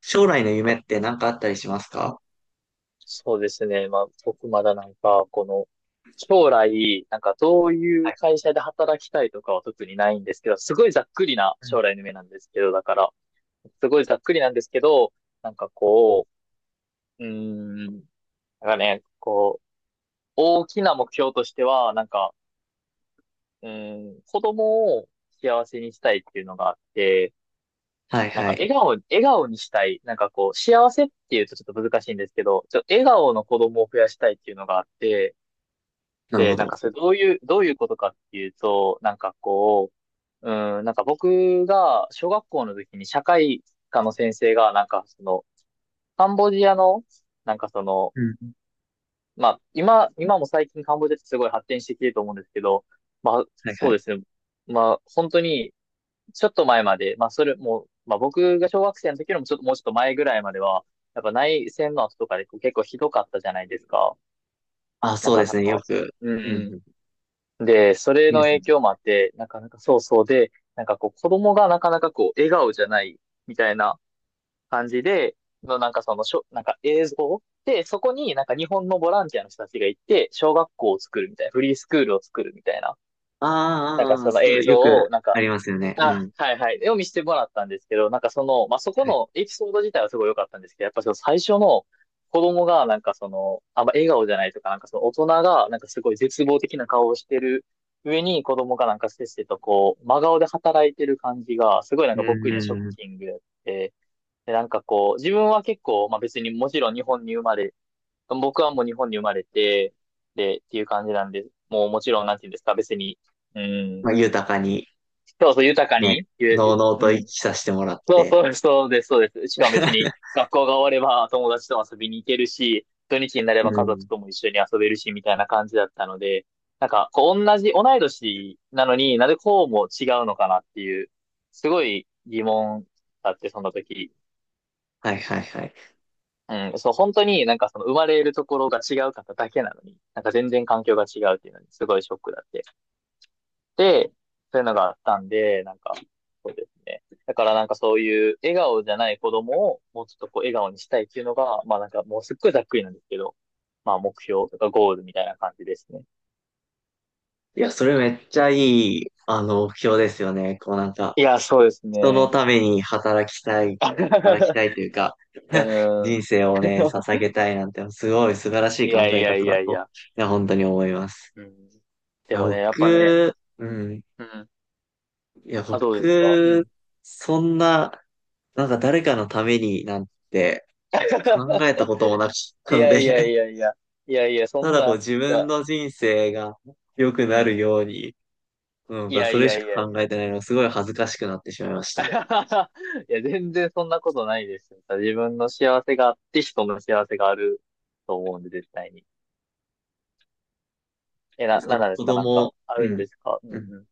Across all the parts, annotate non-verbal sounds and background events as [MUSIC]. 将来の夢って何かあったりしますか？そうですね。まあ、僕まだ将来、なんかどういう会社で働きたいとかは特にないんですけど、すごいざっくりな将来の夢なんですけど、だから、すごいざっくりなんですけど、なんかこう、うーん、なんかね、こう、大きな目標としては、子供を幸せにしたいっていうのがあって、はいなんはかい。笑顔にしたい。なんかこう、幸せっていうとちょっと難しいんですけど、笑顔の子供を増やしたいっていうのがあって、なるで、ほなんど。かそれどういうことかっていうと、なんか僕が小学校の時に社会科の先生が、なんかその、カンボジアの、なんかその、うん。まあ、今も最近カンボジアってすごい発展してきてると思うんですけど、まあ、はいはそうでい。すね。まあ、本当に、ちょっと前まで、まあ、それも、まあ、僕が小学生の時よりもちょっと、もうちょっと前ぐらいまでは、やっぱ内戦の後とかでこう結構ひどかったじゃないですか。あ、なそうかですなね。よか。く。ううんうんん。うん。で、それニュのース。影響もあって、なかなかそうそうで、なんかこう、子供がなかなかこう、笑顔じゃないみたいな感じで、のなんかそのしょ、なんか映像で、そこになんか日本のボランティアの人たちが行って、小学校を作るみたいな、フリースクールを作るみたいな、あーなんかあー、そのそ映う、よ像くをなんあか、りますよね。うあ、ん。はいはい。を見せてもらったんですけど、なんかその、まあ、そこはい。のエピソード自体はすごい良かったんですけど、やっぱその最初の子供がなんかその、あんま笑顔じゃないとか、なんかその大人がなんかすごい絶望的な顔をしてる上に子供がなんかせっせとこう、真顔で働いてる感じが、すごいなうんんか僕にはうショッんうん。キングやって、で、なんかこう、自分は結構、まあ、別にもちろん日本に生まれ、僕はもう日本に生まれて、で、っていう感じなんで、もうもちろんなんていうんですか、別に、うん、まあ、豊かに、そうそう豊かね、に、ゆ、のうゆのううとん、生きさせてもらっそうて。そう、[LAUGHS] そうです。しかも別に [LAUGHS] 学校が終われば友達と遊びに行けるし、土日になれうば家ん。族とも一緒に遊べるし、みたいな感じだったので、なんか、こう同い年なのになぜこうも違うのかなっていう、すごい疑問だって、その時。[LAUGHS] はいはいはい。うん、そう、本当になんかその生まれるところが違う方だけなのに、なんか全然環境が違うっていうのにすごいショックだって。で、そういうのがあったんで、なんか、そうですね。だからなんかそういう笑顔じゃない子供をもうちょっとこう笑顔にしたいっていうのが、まあなんかもうすっごいざっくりなんですけど、まあ目標とかゴールみたいな感じですね。いや、それめっちゃいい、目標ですよね。こういや、そうです人のね。ために働きたい、働き [LAUGHS] たいというか、[LAUGHS] うーん。人生をね、捧 [LAUGHS] げたいなんて、すごい素晴らしいいや考いえや方いだやいと、や。いや、本当に思います。うん。いでや、もね、やっぱね、僕、ううん。ん。うん。いや、あ、どうですか、う僕、ん。そんな、なんか誰かのためになんて考えた [LAUGHS] こともなかっいたのやで、いやい [LAUGHS] やいや。いやいや、そたんだこうな、自じゃ分あ、の人生が良くうなるん。ように、ういん、やそいれしやいやかい考や。えてなういのん。 がすごい恥ずかしくなってしまいました。[LAUGHS] いや、全然そんなことないですよ。自分の幸せがあって人の幸せがあると思うんで、絶対に。え、そなんなのんです子か、なんか、供、あうるんん、ですか、ううんん。うん。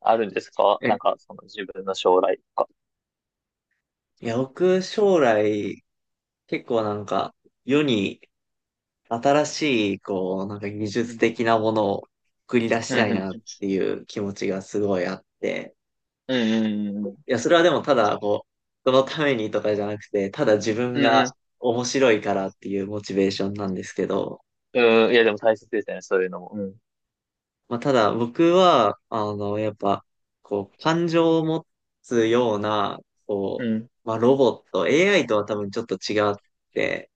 あるんですか、なんえか、その自分の将来とか。いや、僕、将来、結構なんか、世に新しい、こう、なんか技う術ん。的なものを繰り出しうたんいうん。なっていう気持ちがすごいあって。うんうんうんうん。いや、それはでもただ、こう、そのためにとかじゃなくて、ただ自分うんうがん。面白いからっていうモチベーションなんですけど、うん、いや、でも大切ですね、そういうのも。うん。まあ、ただ僕は、やっぱ、こう、感情を持つような、うこん。う、まあ、ロボット、AI とは多分ちょっと違って、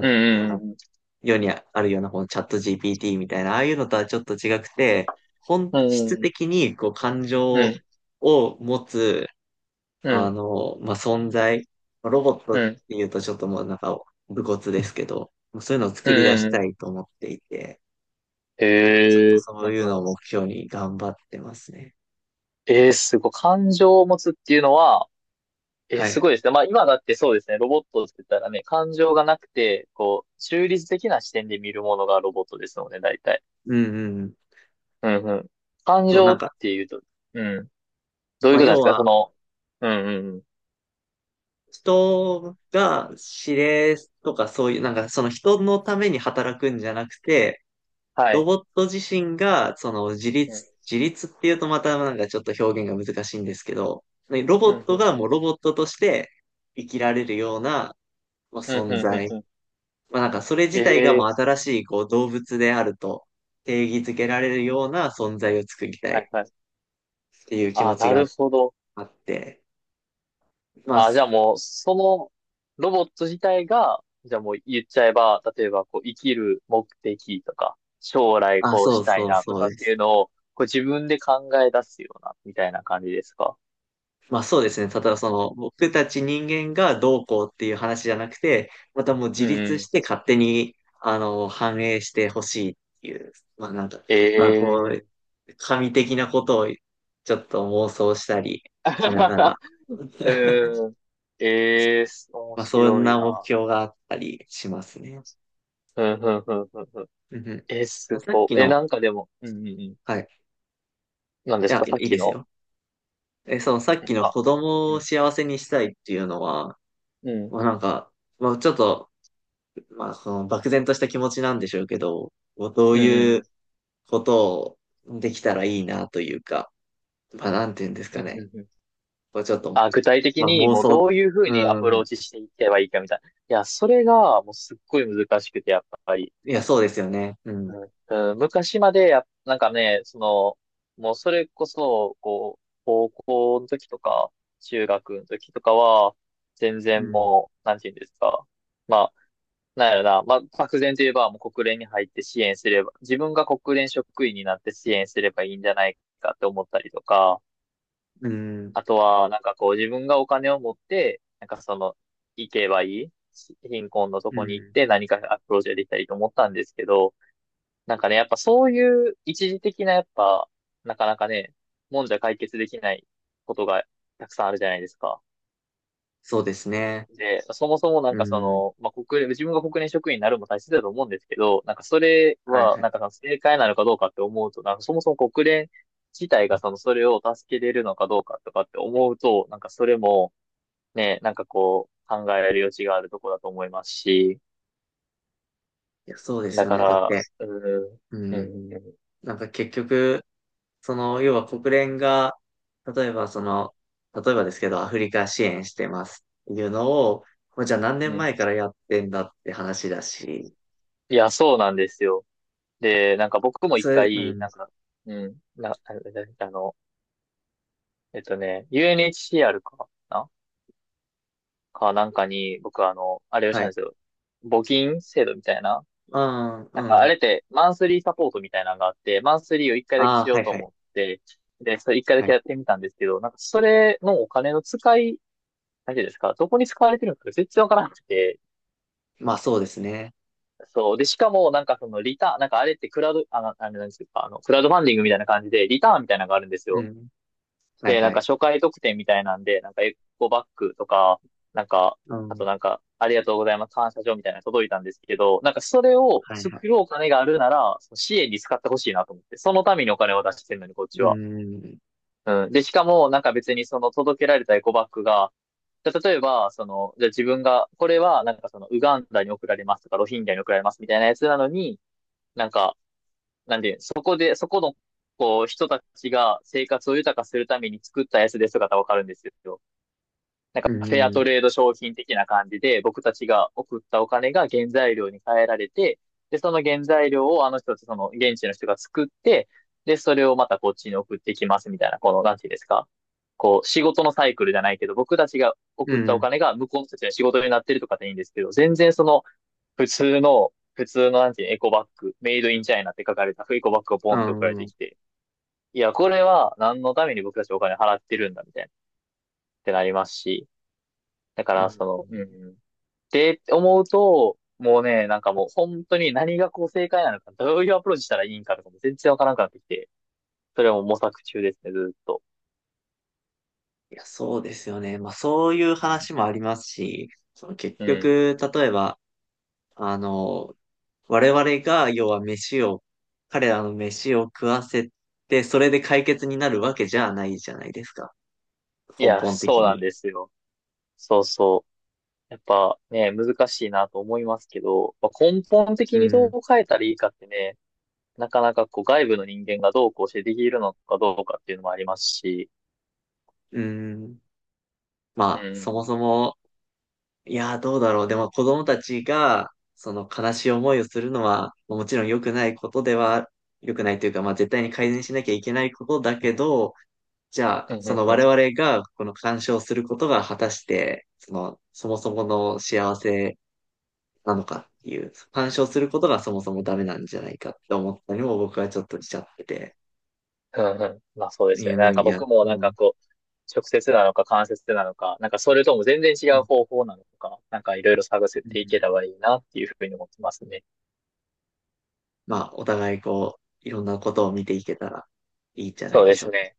うんうん世にあるようなこのチャット GPT みたいな、ああいうのとはちょっと違くて、うんうんうん、いやでも大切ですねそういうのも本うん質うんうん。的にこう感う情んを持つ、うんまあ、存在、ロボットっうていうとちょっともうなんか、武骨ですけど、そういうのを作り出しん。たいと思っていて、へちょっとえ。うんそうういうのん。を目標に頑張ってますね。えー、すごい。感情を持つっていうのは、え、はすい。ごいですね。まあ今だってそうですね。ロボットって言ったらね、感情がなくて、こう、中立的な視点で見るものがロボットですので、大体。うんうん。うんうん。感そう、情なんっか、ていうと、うん。どういまうあ、ことなんで要すか、は、その、うんうんうん。人が指令とかそういう、なんかその人のために働くんじゃなくて、はロい。ボット自身が、その自うん立、自立っていうとまたなんかちょっと表現が難しいんですけど、ねロうボんットうんがうもうん。ロボットとして生きられるような、まあ、うんう存んう在。んうん。まあなんかそれ自体がもええ、う新しいこう動物であると定義づけられるような存在を作りたいはっいはい。ていう気持あ、ちながるほど。あって、まあ、あ、じすゃあもう、そのロボット自体が、じゃあもう言っちゃえば、例えばこう生きる目的とか、将来あ、こうそしうたいそうなとそかうっでていす。うのを、こう自分で考え出すような、みたいな感じですか、まあそうですね。ただその僕たち人間がどうこうっていう話じゃなくて、またもう自う立ん。して勝手にあの反映してほしいっていう、まあなんか、えまあこう、えー。神的なことをちょっと妄想したりしながら、[LAUGHS] [LAUGHS] うん。ええー、面まあそん白いな目な。標があったりしますね。うん、うん、うん、うん。うん、うんうえー、ん、すさっごきい。え、の、なんかでも、うん、うん、うん。はい。なんでいすや、か、さっいいきですの、よ。え、そのさっきのあ、子供うをん、幸せにしたいっていうのは、うん、まあなんか、まあちょっとまあ、その漠然とした気持ちなんでしょうけど、こうどううん、いううん。ことをできたらいいなというか、まあ、なんて言うんですうんかね。うんうん、こうちょっと、あ、具体的まあ、に妄もう想、どういうふうにアプうローん。チしていけばいいかみたいな。いや、それがもうすっごい難しくて、やっぱり。いや、そうですよね。うん。うんうん、昔までや、なんかね、その、もうそれこそ、こう、高校の時とか、中学の時とかは、全う然ん。もう、なんて言うんですか。まあ、なんやろな、まあ、漠然といえば、もう国連に入って支援すれば、自分が国連職員になって支援すればいいんじゃないかって思ったりとか、うん。あとは、なんかこう自分がお金を持って、なんかその、行けばいいし貧困のとうこに行っん。て何かアプローチができたりと思ったんですけど、なんかね、やっぱそういう一時的なやっぱ、なかなかね、もんじゃ解決できないことがたくさんあるじゃないですか。そうですね。で、そもそもなうんかそん。の、まあ、自分が国連職員になるのも大切だと思うんですけど、なんかそれはいは、はい。なんかその正解なのかどうかって思うと、なんかそもそも国連自体がその、それを助けれるのかどうかとかって思うと、なんかそれも、ね、なんかこう、考える余地があるとこだと思いますし、いや、そうですだよかね。だっら、て、うーん、ううん。ん、なんか結局、その、要は国連が、例えばその、例えばですけど、アフリカ支援してますっていうのを、これじゃあ何う年ん。前からやってんだって話だし、いや、そうなんですよ。で、なんか僕も一それ、う回、なん、んか、うん、あ、あの、えっとね、UNHCR かなか、なんかに、僕あの、あれをしはたんでい。すよ。募金制度みたいな。うん、なんうかあん。れって、マンスリーサポートみたいなのがあって、マンスリーを一回だけああ、しよはういとはい。思って、で、それ一回だはけい。やってみたんですけど、なんかそれのお金の使い、大丈夫ですか、どこに使われてるのか全然わからなくて。まあそうですね。そう。で、しかも、なんかそのリターン、なんかあれってクラウド、あの、あれなんですか、あの、クラウドファンディングみたいな感じで、リターンみたいなのがあるんですうよ。ん。はいで、なんはかい。初回特典みたいなんで、なんかエコバッグとか、なんか、うあとん。なんか、ありがとうございます、感謝状みたいなの届いたんですけど、なんかそれをはいはい。作ろうお金があるなら、その支援に使ってほしいなと思って、そのためにお金を出してるのに、こっちうは。ん。うん。で、しかも、なんか別にその届けられたエコバッグが、じゃあ例えば、その、じゃあ自分が、これは、なんかその、ウガンダに送られますとか、ロヒンギャに送られますみたいなやつなのに、なんか、なんで、そこの、こう、人たちが生活を豊かするために作ったやつですとかだったらわかるんですよ。なんうかフェアトん。レード商品的な感じで、僕たちが送ったお金が原材料に変えられて、で、その原材料をあの人たち、その現地の人が作って、で、それをまたこっちに送ってきますみたいな、この、なんていうんですか。こう、仕事のサイクルじゃないけど、僕たちがう送ったおん。金が向こうの人たちの仕事になってるとかでいいんですけど、全然その、普通のなんていうのエコバッグ、メイドインチャイナって書かれたエコバッグがポうンって送られてん。きて、いや、これは何のために僕たちお金払ってるんだみたいな、ってなりますし、だかうら、ん。その、うん。って思うと、もうね、なんかもう本当に何がこう正解なのか、どういうアプローチしたらいいんかとかも全然わからなくなってきて、それはもう模索中ですね、ずーっと。いや、そうですよね。まあそういううん。話もありますし、その結うん。局、例えば、あの、我々が、要は飯を、彼らの飯を食わせて、それで解決になるわけじゃないじゃないですか。い根や、本そう的なんに。ですよ。そうそう。やっぱね、難しいなと思いますけど、まあ、根本う的にどうん、変えたらいいかってね、なかなかこう外部の人間がどうこうしてできるのかどうかっていうのもありますし、うん。うまあ、そもん。そも、いやー、どうだろう。でも子供たちが、その悲しい思いをするのは、もちろん良くないことでは、良くないというか、まあ絶対に改善しなきゃいけないことだけど、じゃあ、うんうそんのうん我々がこの干渉することが果たして、その、そもそもの幸せなのかっていう、干渉することがそもそもダメなんじゃないかって思ったりも僕はちょっとしちゃってて、うんうん。まあそうでいすよや、ね。うなんんかいや、僕もうなんかん、こう、直接なのか間接なのか、なんかそれとも全然違ううん、方法なのか、なんかいろいろ探せうていけんればいいなっていうふうに思ってますね。まあ、お互いこう、いろんなことを見ていけたらいいんじゃなそいうででしょすうか。ね。